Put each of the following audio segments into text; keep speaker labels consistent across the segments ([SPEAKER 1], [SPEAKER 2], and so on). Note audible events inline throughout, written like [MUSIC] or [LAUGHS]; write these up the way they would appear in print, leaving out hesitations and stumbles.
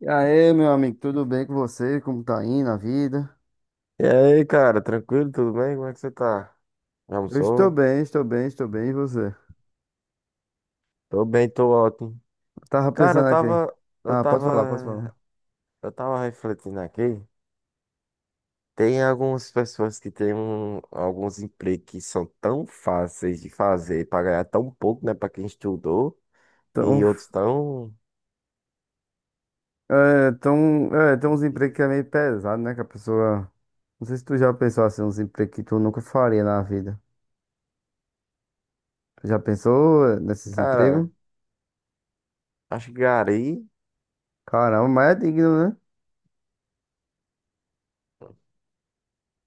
[SPEAKER 1] E aí, meu amigo, tudo bem com você? Como tá indo a vida?
[SPEAKER 2] E aí, cara, tranquilo? Tudo bem? Como é que você tá? Já
[SPEAKER 1] Eu estou
[SPEAKER 2] almoçou?
[SPEAKER 1] bem, estou bem, estou bem. E você?
[SPEAKER 2] Tô bem, tô ótimo.
[SPEAKER 1] Eu tava
[SPEAKER 2] Cara,
[SPEAKER 1] pensando aqui.
[SPEAKER 2] eu
[SPEAKER 1] Ah, pode falar.
[SPEAKER 2] tava, eu tava refletindo aqui. Tem algumas pessoas que têm alguns empregos que são tão fáceis de fazer pra ganhar tão pouco, né? Pra quem estudou,
[SPEAKER 1] Então,
[SPEAKER 2] e outros tão.
[SPEAKER 1] tem uns empregos que é meio pesado, né? Que a pessoa. Não sei se tu já pensou assim, uns empregos que tu nunca faria na vida. Tu já pensou nesses empregos?
[SPEAKER 2] Cara, acho que gari
[SPEAKER 1] Caramba, mas é digno, né?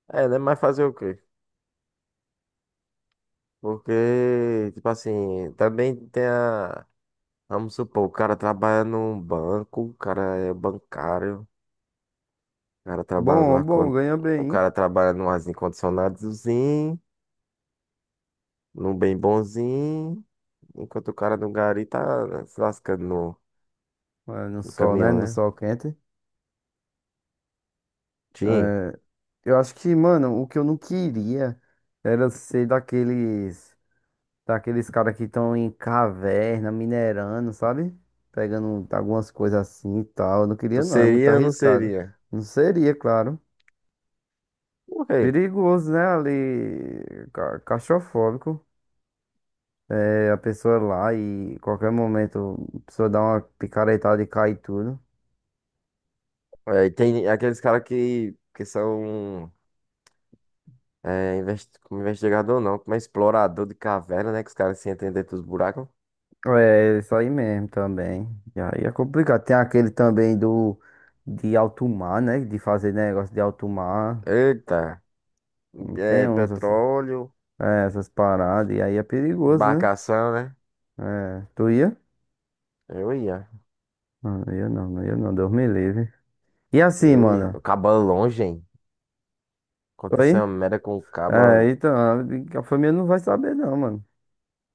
[SPEAKER 2] é, né? Mas fazer o quê? Porque, tipo assim, também tem a. Vamos supor, o cara trabalha num banco, o cara é bancário, o cara trabalha no
[SPEAKER 1] Bom,
[SPEAKER 2] ar
[SPEAKER 1] bom,
[SPEAKER 2] con-
[SPEAKER 1] ganha
[SPEAKER 2] o
[SPEAKER 1] bem.
[SPEAKER 2] cara trabalha num arzinho condicionadozinho, num bem bonzinho, enquanto o cara no gari tá se lascando no,
[SPEAKER 1] É, no
[SPEAKER 2] no
[SPEAKER 1] sol, né?
[SPEAKER 2] caminhão,
[SPEAKER 1] No
[SPEAKER 2] né?
[SPEAKER 1] sol quente.
[SPEAKER 2] Tim,
[SPEAKER 1] É, eu acho que, mano, o que eu não queria era ser daqueles. Daqueles caras que estão em caverna, minerando, sabe? Pegando algumas coisas assim e tal. Eu não
[SPEAKER 2] tu
[SPEAKER 1] queria, não, é muito
[SPEAKER 2] seria ou não
[SPEAKER 1] arriscado.
[SPEAKER 2] seria?
[SPEAKER 1] Não seria, claro.
[SPEAKER 2] Por quê?
[SPEAKER 1] Perigoso, né? Ali, claustrofóbico. É a pessoa lá e qualquer momento a pessoa dá uma picaretada e cai tudo.
[SPEAKER 2] É, e tem aqueles caras que são é, como investigador não, como é explorador de caverna, né? Que os caras se entendem dentro dos buracos.
[SPEAKER 1] É, isso aí mesmo também. E aí é complicado. Tem aquele também do de alto mar, né? De fazer negócio de alto mar.
[SPEAKER 2] Eita,
[SPEAKER 1] Não tem
[SPEAKER 2] é
[SPEAKER 1] uns assim.
[SPEAKER 2] petróleo,
[SPEAKER 1] É, essas paradas, e aí é perigoso, né?
[SPEAKER 2] embarcação, né?
[SPEAKER 1] É, tu ia?
[SPEAKER 2] Eu ia.
[SPEAKER 1] Não, não ia não, Deus me livre. E assim,
[SPEAKER 2] Eu ia.
[SPEAKER 1] mano?
[SPEAKER 2] O caba longe, hein? Aconteceu
[SPEAKER 1] Oi?
[SPEAKER 2] uma merda com o
[SPEAKER 1] É,
[SPEAKER 2] caba.
[SPEAKER 1] então, a família não vai saber não, mano.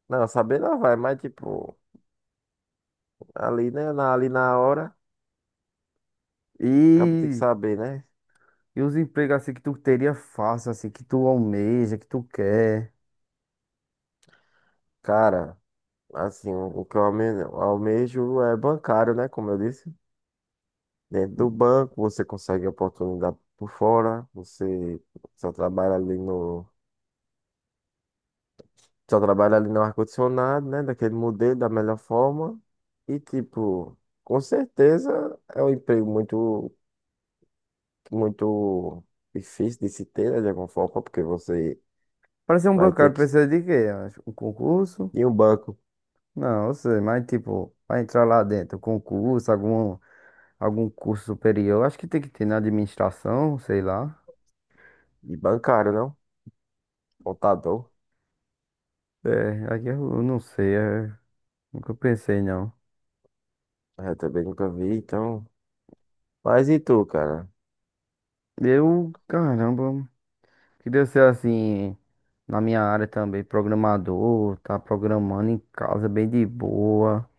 [SPEAKER 2] Não, saber não vai, mas tipo, ali, né? Na, ali na hora, acaba tem que
[SPEAKER 1] E,
[SPEAKER 2] saber, né?
[SPEAKER 1] e os empregos assim que tu teria fácil, assim, que tu almeja, que tu quer?
[SPEAKER 2] Cara, assim, o que eu almejo, é bancário, né? Como eu disse. Dentro do banco, você consegue oportunidade por fora, você só trabalha ali no. Só trabalha ali no ar-condicionado, né? Daquele modelo, da melhor forma. E tipo, com certeza é um emprego muito muito difícil de se ter, né, de alguma forma, porque você
[SPEAKER 1] Pra ser um
[SPEAKER 2] vai ter
[SPEAKER 1] bancário
[SPEAKER 2] que
[SPEAKER 1] precisa de quê? Acho, um concurso?
[SPEAKER 2] ir em um banco
[SPEAKER 1] Não, eu sei, mas tipo, pra entrar lá dentro, concurso, algum, algum curso superior, acho que tem que ter na administração, sei lá.
[SPEAKER 2] e bancário, não? Contador.
[SPEAKER 1] É, aqui eu não sei, é, nunca pensei não.
[SPEAKER 2] É, também nunca vi, então. Mas e tu, cara?
[SPEAKER 1] Eu, caramba. Que deu ser assim, na minha área também, programador, tá programando em casa bem de boa,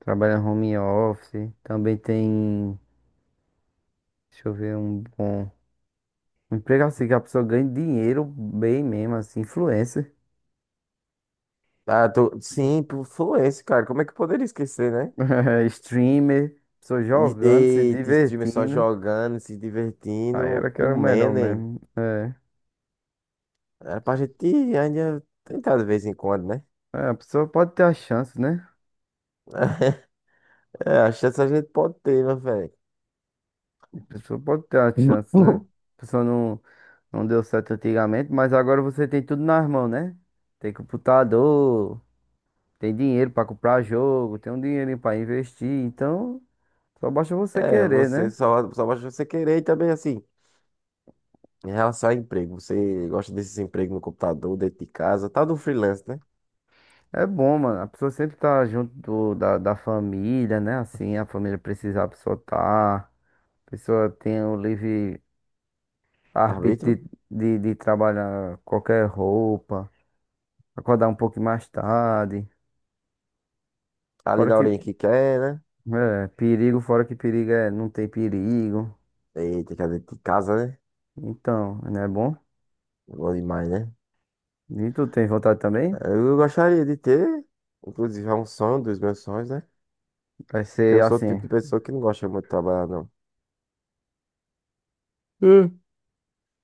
[SPEAKER 1] trabalha home office, também tem, deixa eu ver, um bom um emprego assim que a pessoa ganha dinheiro bem mesmo, assim, influencer,
[SPEAKER 2] Ah, tu... Sim, pro Fluence, cara. Como é que eu poderia esquecer, né?
[SPEAKER 1] [LAUGHS] streamer, pessoa
[SPEAKER 2] E,
[SPEAKER 1] jogando, se
[SPEAKER 2] e te streamer só
[SPEAKER 1] divertindo.
[SPEAKER 2] jogando, se
[SPEAKER 1] Aí
[SPEAKER 2] divertindo,
[SPEAKER 1] era que era o melhor
[SPEAKER 2] comendo, hein?
[SPEAKER 1] mesmo. É.
[SPEAKER 2] Era pra gente ainda tentar de vez em quando, né?
[SPEAKER 1] É, a pessoa pode ter a chance, né?
[SPEAKER 2] É, a chance a gente pode ter, né, velho?
[SPEAKER 1] A pessoa pode ter a chance, né?
[SPEAKER 2] [LAUGHS]
[SPEAKER 1] A pessoa não. Não deu certo antigamente, mas agora você tem tudo nas mãos, né? Tem computador, tem dinheiro pra comprar jogo, tem um dinheirinho pra investir, então só basta você
[SPEAKER 2] É,
[SPEAKER 1] querer,
[SPEAKER 2] você
[SPEAKER 1] né?
[SPEAKER 2] só basta você querer e também assim. Em relação a emprego, você gosta desses empregos no computador, dentro de casa, tá do freelance, né?
[SPEAKER 1] É bom, mano. A pessoa sempre tá junto da, da família, né? Assim, a família precisa, a pessoa tá. A pessoa tem o livre arbítrio
[SPEAKER 2] Arbítrio?
[SPEAKER 1] de trabalhar qualquer roupa, acordar um pouco mais tarde.
[SPEAKER 2] Tá ali
[SPEAKER 1] Fora
[SPEAKER 2] na
[SPEAKER 1] que,
[SPEAKER 2] horinha que quer, né?
[SPEAKER 1] é, perigo, fora que perigo é, não tem perigo.
[SPEAKER 2] Eita, que é dentro de casa, né?
[SPEAKER 1] Então, não é bom?
[SPEAKER 2] Bom demais, né?
[SPEAKER 1] E tu tem vontade também?
[SPEAKER 2] Eu gostaria de ter, inclusive é um sonho dos meus sonhos, né?
[SPEAKER 1] Vai
[SPEAKER 2] Porque
[SPEAKER 1] ser
[SPEAKER 2] eu sou o
[SPEAKER 1] assim.
[SPEAKER 2] tipo de pessoa que não gosta muito de trabalhar, não.
[SPEAKER 1] É,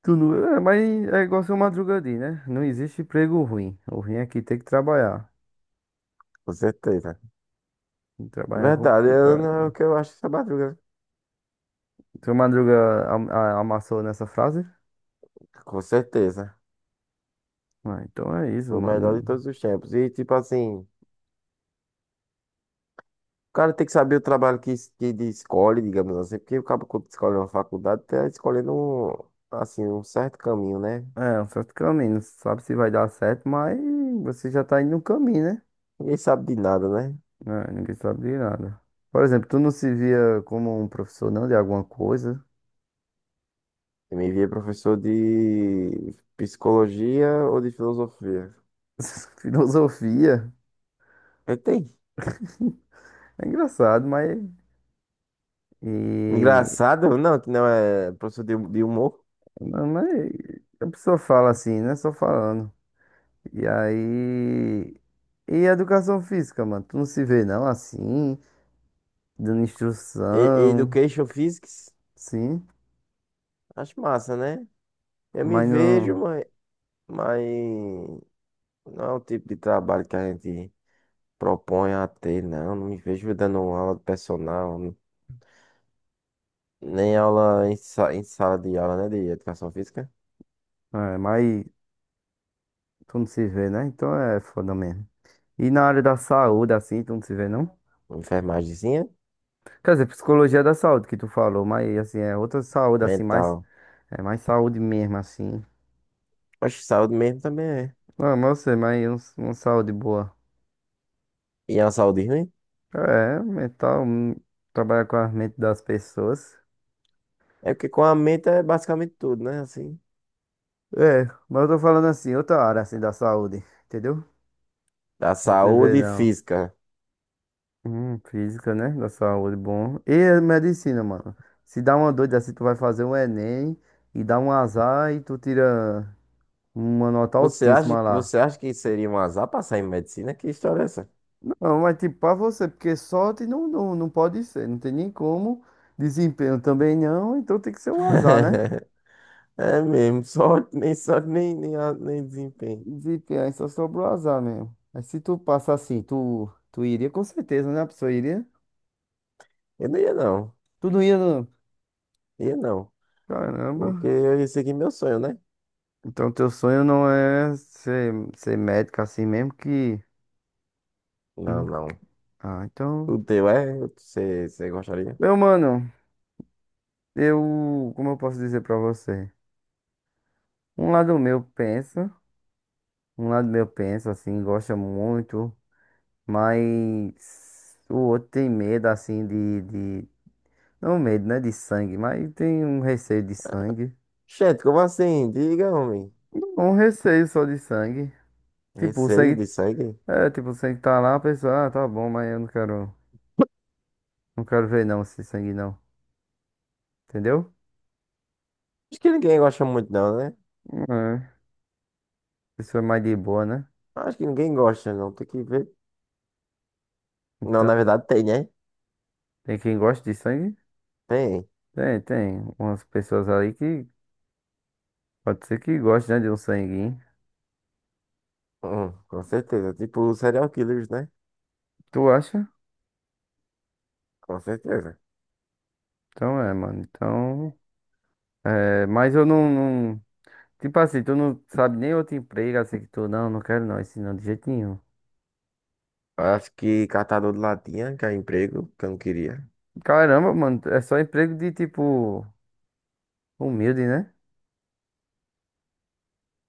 [SPEAKER 1] tu não... é, mas é igual seu Madruga diz, né? Não existe emprego ruim. O ruim é que tem que trabalhar.
[SPEAKER 2] Com certeza.
[SPEAKER 1] E trabalhar é
[SPEAKER 2] Verdade, eu não é o
[SPEAKER 1] complicado.
[SPEAKER 2] que eu acho essa madruga, né?
[SPEAKER 1] Seu Madruga amassou nessa frase?
[SPEAKER 2] Com certeza.
[SPEAKER 1] Ah, então é isso,
[SPEAKER 2] Foi o
[SPEAKER 1] mano.
[SPEAKER 2] melhor de todos os tempos. E tipo assim. O cara tem que saber o trabalho que ele escolhe, digamos assim, porque o cara quando escolhe uma faculdade tá escolhendo um, assim, um certo caminho, né?
[SPEAKER 1] É um certo caminho. Não sabe se vai dar certo, mas você já tá indo no caminho, né?
[SPEAKER 2] Ninguém sabe de nada, né?
[SPEAKER 1] É, ninguém sabe de nada. Por exemplo, tu não se via como um professor não de alguma coisa?
[SPEAKER 2] Eu me via professor de psicologia ou de filosofia.
[SPEAKER 1] [LAUGHS] Filosofia.
[SPEAKER 2] Eu tem.
[SPEAKER 1] É engraçado, mas. E
[SPEAKER 2] Engraçado, não, que não é professor de humor.
[SPEAKER 1] não, mas a pessoa fala assim, né? Só falando. E aí. E a educação física, mano? Tu não se vê não assim, dando
[SPEAKER 2] E-
[SPEAKER 1] instrução,
[SPEAKER 2] Education Physics,
[SPEAKER 1] sim,
[SPEAKER 2] acho massa, né? Eu me
[SPEAKER 1] mas
[SPEAKER 2] vejo,
[SPEAKER 1] não.
[SPEAKER 2] mas não é o tipo de trabalho que a gente propõe a ter, não. Não me vejo dando aula de personal, nem aula em sala de aula, né? De educação física.
[SPEAKER 1] É, mas tu não se vê, né? Então é foda mesmo. E na área da saúde, assim, tu não se vê, não?
[SPEAKER 2] Uma Enfermagemzinha,
[SPEAKER 1] Quer dizer, psicologia é da saúde que tu falou, mas assim, é outra saúde, assim, mais.
[SPEAKER 2] mental.
[SPEAKER 1] É mais saúde mesmo, assim.
[SPEAKER 2] Acho que saúde mesmo também é.
[SPEAKER 1] Não, mas eu sei, mas uma saúde boa.
[SPEAKER 2] E a saúde ruim?
[SPEAKER 1] É, mental, trabalhar com a mente das pessoas.
[SPEAKER 2] É porque com a mente é basicamente tudo, né? Assim.
[SPEAKER 1] É, mas eu tô falando assim, outra área assim da saúde, entendeu?
[SPEAKER 2] Da
[SPEAKER 1] Você vê
[SPEAKER 2] saúde
[SPEAKER 1] não.
[SPEAKER 2] física.
[SPEAKER 1] Física, né? Da saúde, bom. E a medicina, mano. Se dá uma doida assim, tu vai fazer um Enem e dá um azar e tu tira uma nota altíssima lá.
[SPEAKER 2] Você acha que seria um azar passar em medicina? Que história é essa?
[SPEAKER 1] Não, mas tipo, pra você, porque sorte não pode ser, não tem nem como. Desempenho também não, então tem que ser um azar, né?
[SPEAKER 2] [LAUGHS] É mesmo, sorte, nem sorte, nem desempenho.
[SPEAKER 1] Desempenho, aí só sobra o azar mesmo. Mas se tu passa assim, tu iria com certeza, né? A pessoa iria.
[SPEAKER 2] Eu não ia não,
[SPEAKER 1] Tu não ia.
[SPEAKER 2] ia não. Porque
[SPEAKER 1] Caramba.
[SPEAKER 2] eu ia seguir meu sonho, né?
[SPEAKER 1] Então teu sonho não é ser, ser médico assim mesmo que.
[SPEAKER 2] Não,
[SPEAKER 1] Hum,
[SPEAKER 2] não.
[SPEAKER 1] Ah, então.
[SPEAKER 2] O teu é, você gostaria?
[SPEAKER 1] Meu mano, eu. Como eu posso dizer pra você? Um lado meu pensa, um lado meu pensa assim, gosta muito, mas o outro tem medo assim de... Não medo, né? De sangue, mas tem um receio de sangue.
[SPEAKER 2] Gente, como assim? Diga, homem.
[SPEAKER 1] Um receio só de sangue. Tipo, o
[SPEAKER 2] Receio de
[SPEAKER 1] sangue.
[SPEAKER 2] sangue?
[SPEAKER 1] É, tipo, o sangue tá lá, a pessoa, ah, tá bom, mas eu não quero. Não quero ver não esse sangue não. Entendeu?
[SPEAKER 2] Acho que ninguém gosta muito, não, né?
[SPEAKER 1] É. A pessoa é mais de boa, né?
[SPEAKER 2] Acho que ninguém gosta, não. Tem que ver. Não, na
[SPEAKER 1] Então,
[SPEAKER 2] verdade tem, né?
[SPEAKER 1] tem quem gosta de sangue?
[SPEAKER 2] Tem.
[SPEAKER 1] Tem. Umas pessoas aí que pode ser que goste, né, de um sanguinho.
[SPEAKER 2] Com certeza. Tipo, serial killers, né?
[SPEAKER 1] Tu acha?
[SPEAKER 2] Com certeza.
[SPEAKER 1] Então é, mano. Então. É, mas eu não. Tipo assim, tu não sabe nem outro emprego assim que tu. Não, não quero não, esse não, de jeito nenhum.
[SPEAKER 2] Acho que catador de latinha, que é emprego, que eu não queria.
[SPEAKER 1] Caramba, mano, é só emprego de tipo. Humilde, né?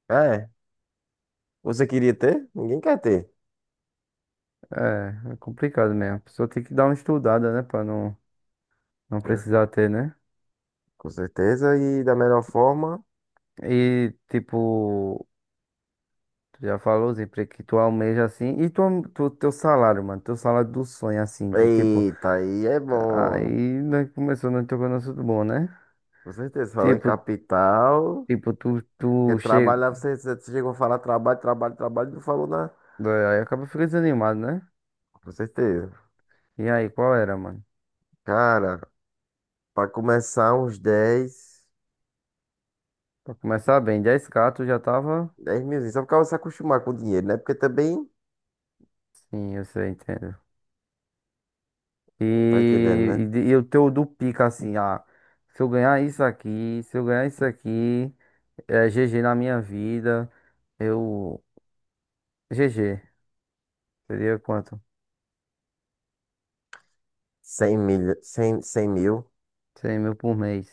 [SPEAKER 2] É. Você queria ter? Ninguém quer ter.
[SPEAKER 1] É, é complicado mesmo. A pessoa tem que dar uma estudada, né? Pra não, não
[SPEAKER 2] É,
[SPEAKER 1] precisar ter, né?
[SPEAKER 2] com certeza. E da melhor forma.
[SPEAKER 1] E, tipo. Já falou os empregos que tu almeja assim. E tu, teu salário, mano. Teu salário do sonho, assim, de tipo.
[SPEAKER 2] Eita, aí é
[SPEAKER 1] Aí
[SPEAKER 2] bom.
[SPEAKER 1] nós começou nós tocando no assunto bom, né?
[SPEAKER 2] Com certeza. Falou em
[SPEAKER 1] Tipo,
[SPEAKER 2] capital.
[SPEAKER 1] tipo, tu
[SPEAKER 2] Porque
[SPEAKER 1] chega.
[SPEAKER 2] trabalhar, você chegou a falar trabalho, trabalho, trabalho, não falou nada.
[SPEAKER 1] Aí acaba ficando desanimado, né?
[SPEAKER 2] Com certeza.
[SPEAKER 1] E aí, qual era, mano?
[SPEAKER 2] Cara, pra começar uns 10
[SPEAKER 1] Pra começar bem, 10k tu já tava.
[SPEAKER 2] 10 milzinhos. Só pra você se acostumar com o dinheiro, né? Porque também,
[SPEAKER 1] Sim, eu sei, entendo.
[SPEAKER 2] tá entendendo,
[SPEAKER 1] E, e,
[SPEAKER 2] né?
[SPEAKER 1] de- e o teu do pica, assim, ah, se eu ganhar isso aqui, se eu ganhar isso aqui, é GG na minha vida, eu. GG, seria quanto?
[SPEAKER 2] 100 mil, 100 100 mil,
[SPEAKER 1] 100 mil por mês.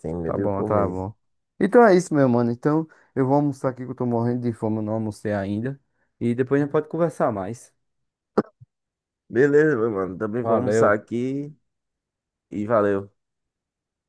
[SPEAKER 2] cem
[SPEAKER 1] Tá
[SPEAKER 2] mil
[SPEAKER 1] bom,
[SPEAKER 2] por
[SPEAKER 1] tá
[SPEAKER 2] mês.
[SPEAKER 1] bom. Então é isso, meu mano. Então eu vou almoçar aqui que eu tô morrendo de fome, eu não almocei ainda. E depois a gente pode conversar mais.
[SPEAKER 2] Beleza, meu mano. Também vou almoçar
[SPEAKER 1] Valeu.
[SPEAKER 2] aqui e valeu.